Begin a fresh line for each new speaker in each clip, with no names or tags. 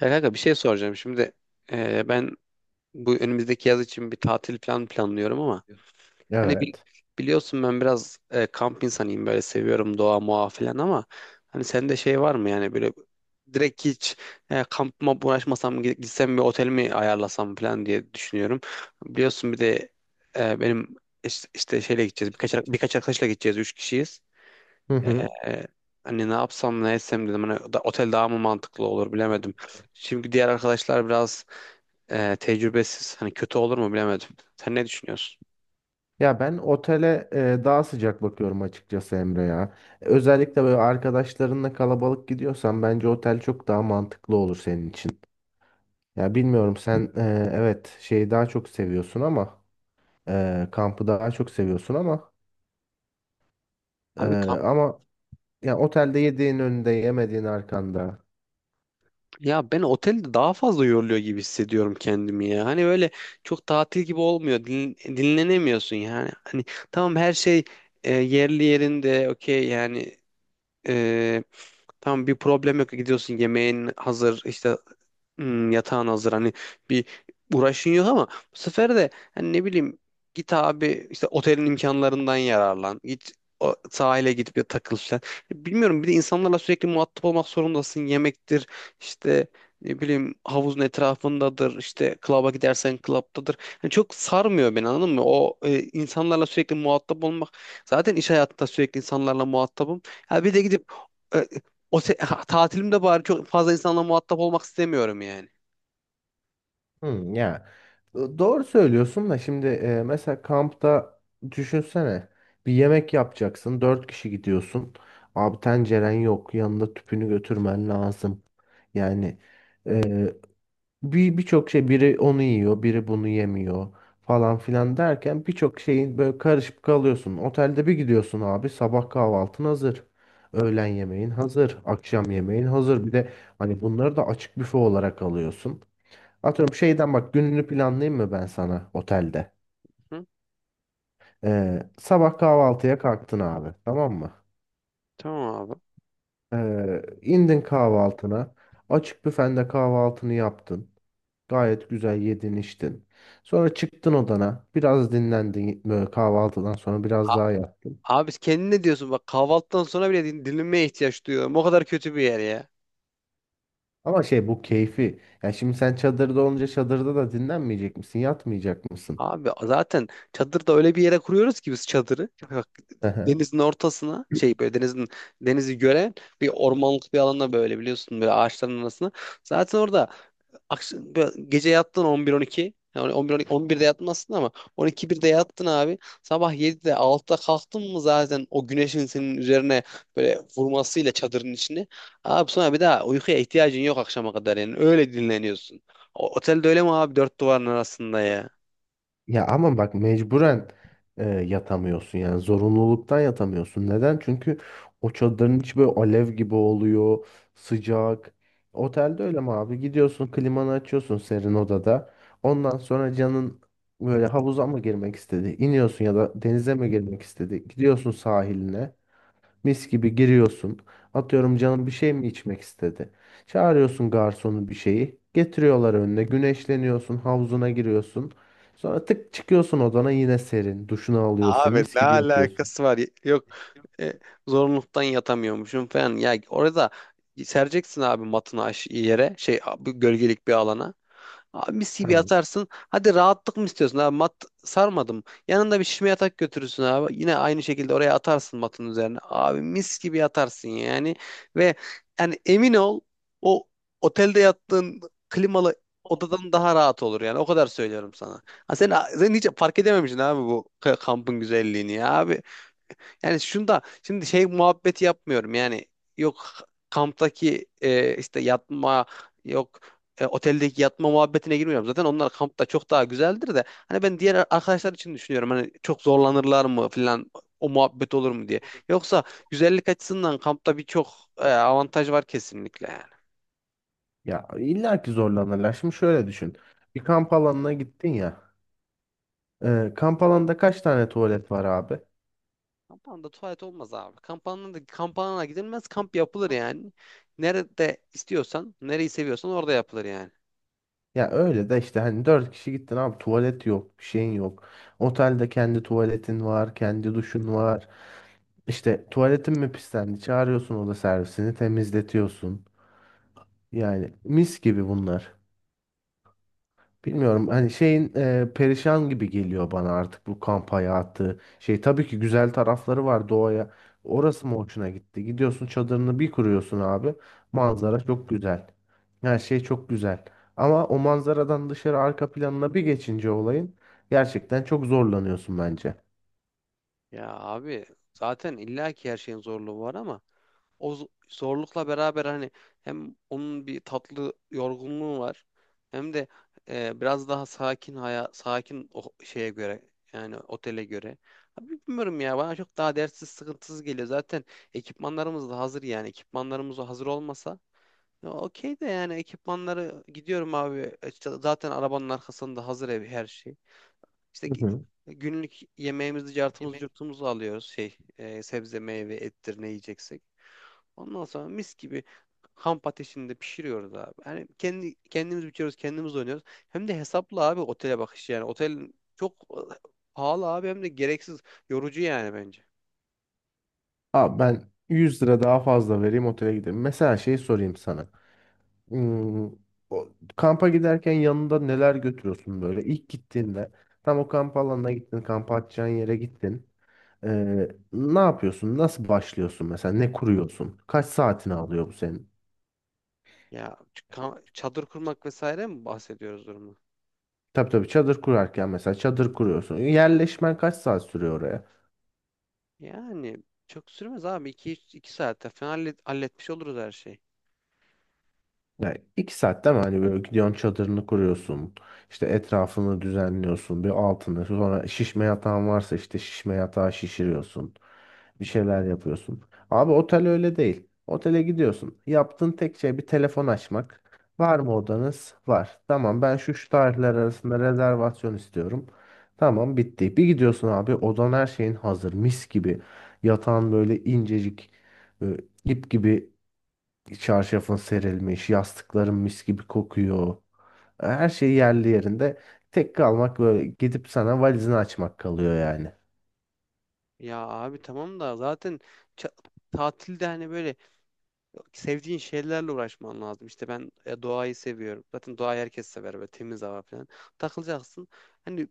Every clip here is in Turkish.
Ya kanka bir şey soracağım şimdi. Ben bu önümüzdeki yaz için bir tatil planlıyorum ama hani
Evet.
biliyorsun ben biraz kamp insanıyım, böyle seviyorum, doğa muğa falan ama hani sende şey var mı yani, böyle direkt hiç kampıma uğraşmasam gitsem bir otel mi ayarlasam falan diye düşünüyorum. Biliyorsun bir de benim işte, şeyle
İşte
gideceğiz,
şey için.
birkaç arkadaşla gideceğiz, üç kişiyiz.
Hı hı.
Ee, hani ne yapsam ne etsem dedim. Hani da, otel daha mı mantıklı olur
Doğru.
bilemedim.
Evet.
Şimdi diğer arkadaşlar biraz tecrübesiz. Hani kötü olur mu bilemedim. Sen ne düşünüyorsun?
Ya ben otele daha sıcak bakıyorum açıkçası Emre ya. Özellikle böyle arkadaşlarınla kalabalık gidiyorsan bence otel çok daha mantıklı olur senin için. Ya bilmiyorum sen evet şeyi daha çok seviyorsun ama kampı daha çok seviyorsun ama e,
Abi kamp,
ama ya otelde yediğin önünde yemediğin arkanda.
ya ben otelde daha fazla yoruluyor gibi hissediyorum kendimi ya. Hani böyle çok tatil gibi olmuyor. Dinlenemiyorsun yani. Hani tamam, her şey yerli yerinde, okey yani, e, tamam bir problem yok, gidiyorsun yemeğin hazır işte, yatağın hazır, hani bir uğraşın yok, ama bu sefer de hani ne bileyim, git abi işte otelin imkanlarından yararlan, git o sahile gidip bir takıl falan, bilmiyorum. Bir de insanlarla sürekli muhatap olmak zorundasın, yemektir işte, ne bileyim havuzun etrafındadır, işte klaba gidersen klaptadır. Yani çok sarmıyor beni, anladın mı, o insanlarla sürekli muhatap olmak. Zaten iş hayatında sürekli insanlarla muhatabım, ha bir de gidip e, tatilimde bari çok fazla insanla muhatap olmak istemiyorum yani.
Hı, ya doğru söylüyorsun da şimdi mesela kampta düşünsene, bir yemek yapacaksın, dört kişi gidiyorsun abi, tenceren yok, yanında tüpünü götürmen lazım yani. e, Birçok şey, biri onu yiyor biri bunu yemiyor, falan filan derken birçok şeyin böyle karışıp kalıyorsun. Otelde bir gidiyorsun abi, sabah kahvaltın hazır, öğlen yemeğin hazır, akşam yemeğin hazır, bir de hani bunları da açık büfe olarak alıyorsun. Atıyorum şeyden, bak gününü planlayayım mı ben sana otelde?
Hı?
Sabah kahvaltıya kalktın abi, tamam mı?
Tamam abi.
İndin kahvaltına. Açık büfende kahvaltını yaptın. Gayet güzel yedin içtin. Sonra çıktın odana. Biraz dinlendin, böyle kahvaltıdan sonra biraz
A-
daha yattın.
Abi kendin ne diyorsun? Bak kahvaltıdan sonra bile dinlenmeye ihtiyaç duyuyorum. O kadar kötü bir yer ya.
Ama şey, bu keyfi. Yani şimdi sen çadırda olunca çadırda da dinlenmeyecek misin? Yatmayacak mısın?
Abi zaten çadırda öyle bir yere kuruyoruz ki biz çadırı. Bak, denizin ortasına, böyle denizi gören bir ormanlık bir alana, böyle biliyorsun, böyle ağaçların arasına. Zaten orada akşam, böyle gece yattın 11-12. Yani 11-12, 11'de yattın aslında ama 12 birde yattın abi. Sabah 7'de, 6'da kalktın mı zaten, o güneşin senin üzerine böyle vurmasıyla çadırın içine. Abi sonra bir daha uykuya ihtiyacın yok akşama kadar yani. Öyle dinleniyorsun. O, otelde öyle mi abi, dört duvarın arasında ya?
Ya ama bak mecburen yatamıyorsun, yani zorunluluktan yatamıyorsun. Neden? Çünkü o çadırın içi böyle alev gibi oluyor, sıcak. Otelde öyle mi abi? Gidiyorsun, klimanı açıyorsun, serin odada. Ondan sonra canın böyle havuza mı girmek istedi? İniyorsun. Ya da denize mi girmek istedi? Gidiyorsun sahiline. Mis gibi giriyorsun. Atıyorum, canım bir şey mi içmek istedi? Çağırıyorsun garsonu bir şeyi. Getiriyorlar önüne. Güneşleniyorsun. Havuzuna giriyorsun. Sonra tık çıkıyorsun odana, yine serin. Duşunu alıyorsun.
Abi
Mis
ne
gibi yatıyorsun.
alakası var? Yok e, zorunluluktan yatamıyormuşum falan. Ya orada sereceksin abi matını, yere şey abi, gölgelik bir alana. Abi mis gibi
Tamam.
yatarsın. Hadi rahatlık mı istiyorsun abi? Mat sarmadım. Yanında bir şişme yatak götürürsün abi. Yine aynı şekilde oraya atarsın matın üzerine. Abi mis gibi yatarsın yani. Ve yani emin ol, o otelde yattığın klimalı odadan daha rahat olur yani. O kadar söylüyorum sana. Ha sen, sen hiç fark edememişsin abi bu kampın güzelliğini ya abi. Yani şunda şimdi şey muhabbeti yapmıyorum yani, yok kamptaki işte yatma, yok oteldeki yatma muhabbetine girmiyorum. Zaten onlar kampta çok daha güzeldir de, hani ben diğer arkadaşlar için düşünüyorum, hani çok zorlanırlar mı filan, o muhabbet olur mu diye. Yoksa güzellik açısından kampta birçok avantaj var kesinlikle yani.
Ya illa ki zorlanırlar. Şimdi şöyle düşün. Bir kamp alanına gittin ya. Kamp alanında kaç tane tuvalet var abi?
Kampanda tuvalet olmaz abi. Kampanda da, kampana gidilmez, kamp yapılır yani. Nerede istiyorsan, nereyi seviyorsan orada yapılır yani.
Ya öyle de işte, hani dört kişi gittin abi, tuvalet yok, bir şeyin yok. Otelde kendi tuvaletin var, kendi duşun var. İşte tuvaletin mi pislendi? Çağırıyorsun oda servisini, temizletiyorsun. Yani mis gibi bunlar. Bilmiyorum, hani şeyin perişan gibi geliyor bana artık bu kamp hayatı. Şey, tabii ki güzel tarafları var doğaya. Orası mı hoşuna gitti? Gidiyorsun çadırını bir kuruyorsun abi. Manzara çok güzel. Her şey çok güzel. Ama o manzaradan dışarı, arka planına bir geçince olayın, gerçekten çok zorlanıyorsun bence.
Ya abi zaten illaki her şeyin zorluğu var, ama o zorlukla beraber hani, hem onun bir tatlı yorgunluğu var, hem de biraz daha sakin haya, sakin o şeye göre, yani otele göre. Abi bilmiyorum ya, bana çok daha dertsiz sıkıntısız geliyor. Zaten ekipmanlarımız da hazır yani, ekipmanlarımız hazır olmasa, ya okey de yani, ekipmanları gidiyorum abi. İşte zaten arabanın arkasında hazır ev, her şey. İşte
Hı hı.
günlük yemeğimizi, cartımızı, curtumuzu alıyoruz. Şey, sebze, meyve, ettir, ne yiyeceksek. Ondan sonra mis gibi kamp ateşinde pişiriyoruz abi. Yani kendi kendimiz biçiyoruz, kendimiz oynuyoruz. Hem de hesaplı abi, otele bakış yani. Otel çok pahalı abi, hem de gereksiz yorucu yani, bence.
Abi ben 100 lira daha fazla vereyim, otele gidelim. Mesela şey sorayım sana. Hmm, o, kampa giderken yanında neler götürüyorsun böyle? İlk gittiğinde tam o kamp alanına gittin, kamp atacağın yere gittin. Ne yapıyorsun? Nasıl başlıyorsun mesela? Ne kuruyorsun? Kaç saatini alıyor bu senin?
Ya çadır kurmak vesaire mi bahsediyoruz durumu?
Tabii tabii, çadır kurarken mesela çadır kuruyorsun. Yerleşmen kaç saat sürüyor?
Yani çok sürmez abi. İki 2 saatte falan halletmiş oluruz her şeyi.
Yani 2 saat değil mi? Hani böyle gidiyorsun, çadırını kuruyorsun. İşte etrafını düzenliyorsun. Bir altını. Sonra şişme yatağın varsa işte şişme yatağı şişiriyorsun. Bir şeyler yapıyorsun. Abi otel öyle değil. Otele gidiyorsun. Yaptığın tek şey bir telefon açmak. Var mı odanız? Var. Tamam, ben şu şu tarihler arasında rezervasyon istiyorum. Tamam, bitti. Bir gidiyorsun abi, odan her şeyin hazır. Mis gibi. Yatağın böyle incecik, e, ip gibi. Çarşafın serilmiş, yastıkların mis gibi kokuyor. Her şey yerli yerinde. Tek kalmak böyle gidip sana valizini açmak kalıyor yani.
Ya abi tamam da, zaten ça- tatilde hani böyle sevdiğin şeylerle uğraşman lazım. İşte ben doğayı seviyorum. Zaten doğayı herkes sever, böyle temiz hava falan. Takılacaksın. Hani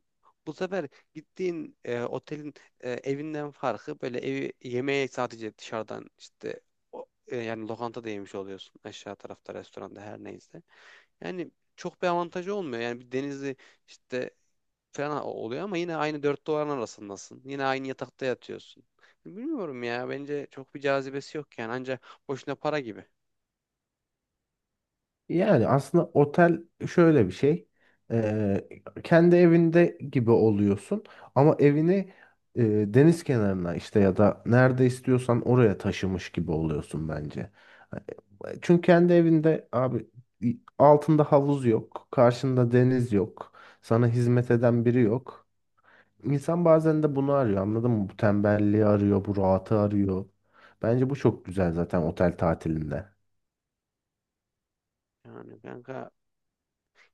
bu sefer gittiğin otelin evinden farkı, böyle evi yemeğe sadece dışarıdan işte yani lokantada yemiş oluyorsun. Aşağı tarafta restoranda, her neyse. Yani çok bir avantajı olmuyor. Yani bir denizi işte falan oluyor ama yine aynı 4 duvarın arasındasın. Yine aynı yatakta yatıyorsun. Bilmiyorum ya, bence çok bir cazibesi yok yani, ancak boşuna para gibi.
Yani aslında otel şöyle bir şey. Ee, Kendi evinde gibi oluyorsun ama evini e, deniz kenarına, işte ya da nerede istiyorsan oraya taşımış gibi oluyorsun bence. Çünkü kendi evinde abi altında havuz yok, karşında deniz yok, sana hizmet eden biri yok. İnsan bazen de bunu arıyor, anladın mı? Bu tembelliği arıyor, bu rahatı arıyor. Bence bu çok güzel zaten otel tatilinde.
Yani kanka,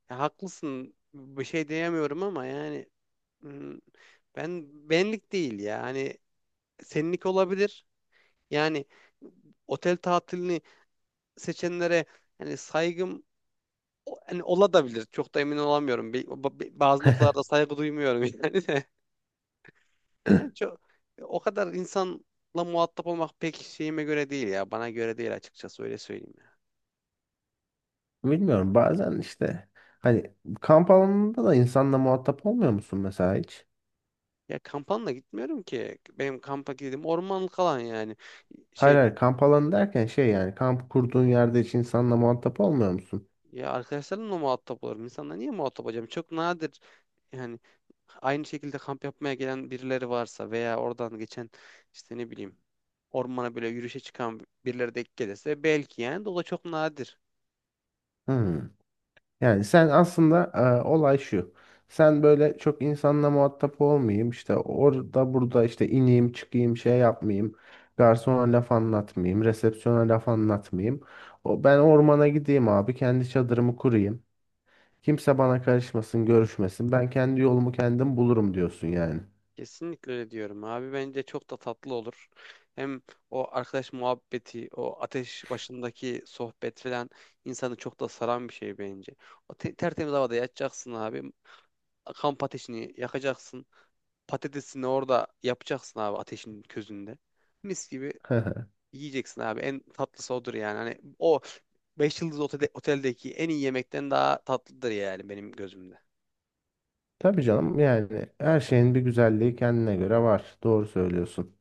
ya haklısın, bir şey diyemiyorum ama yani, hmm, ben, benlik değil ya. Hani senlik olabilir. Yani otel tatilini seçenlere yani saygım, hani olabilir. Çok da emin olamıyorum. Bazı noktalarda saygı duymuyorum yani. Yani çok, o kadar insanla muhatap olmak pek şeyime göre değil ya. Bana göre değil açıkçası, öyle söyleyeyim ya.
Bilmiyorum, bazen işte hani kamp alanında da insanla muhatap olmuyor musun mesela hiç?
Ya kampanla gitmiyorum ki. Benim kampa gittiğim ormanlık alan yani.
Hayır
Şey
hayır, kamp alanı derken şey yani, kamp kurduğun yerde hiç insanla muhatap olmuyor musun?
ya arkadaşlarımla muhatap olurum. İnsanla niye muhatap olacağım? Çok nadir yani, aynı şekilde kamp yapmaya gelen birileri varsa, veya oradan geçen, işte ne bileyim, ormana böyle yürüyüşe çıkan birileri de gelirse belki yani, de o da çok nadir.
Hmm. Yani sen aslında olay şu. Sen böyle, çok insanla muhatap olmayayım, işte orada burada, işte ineyim çıkayım, şey yapmayayım. Garsona laf anlatmayayım. Resepsiyona laf anlatmayayım. O, ben ormana gideyim abi. Kendi çadırımı kurayım. Kimse bana karışmasın, görüşmesin. Ben kendi yolumu kendim bulurum diyorsun yani.
Kesinlikle öyle diyorum abi. Bence çok da tatlı olur. Hem o arkadaş muhabbeti, o ateş başındaki sohbet falan, insanı çok da saran bir şey bence. O tertemiz havada yatacaksın abi. Kamp ateşini yakacaksın. Patatesini orada yapacaksın abi, ateşin közünde. Mis gibi yiyeceksin abi. En tatlısı odur yani. Hani o 5 yıldız otelde, oteldeki en iyi yemekten daha tatlıdır yani, benim gözümde.
Tabii canım, yani her şeyin bir güzelliği kendine göre var. Doğru söylüyorsun.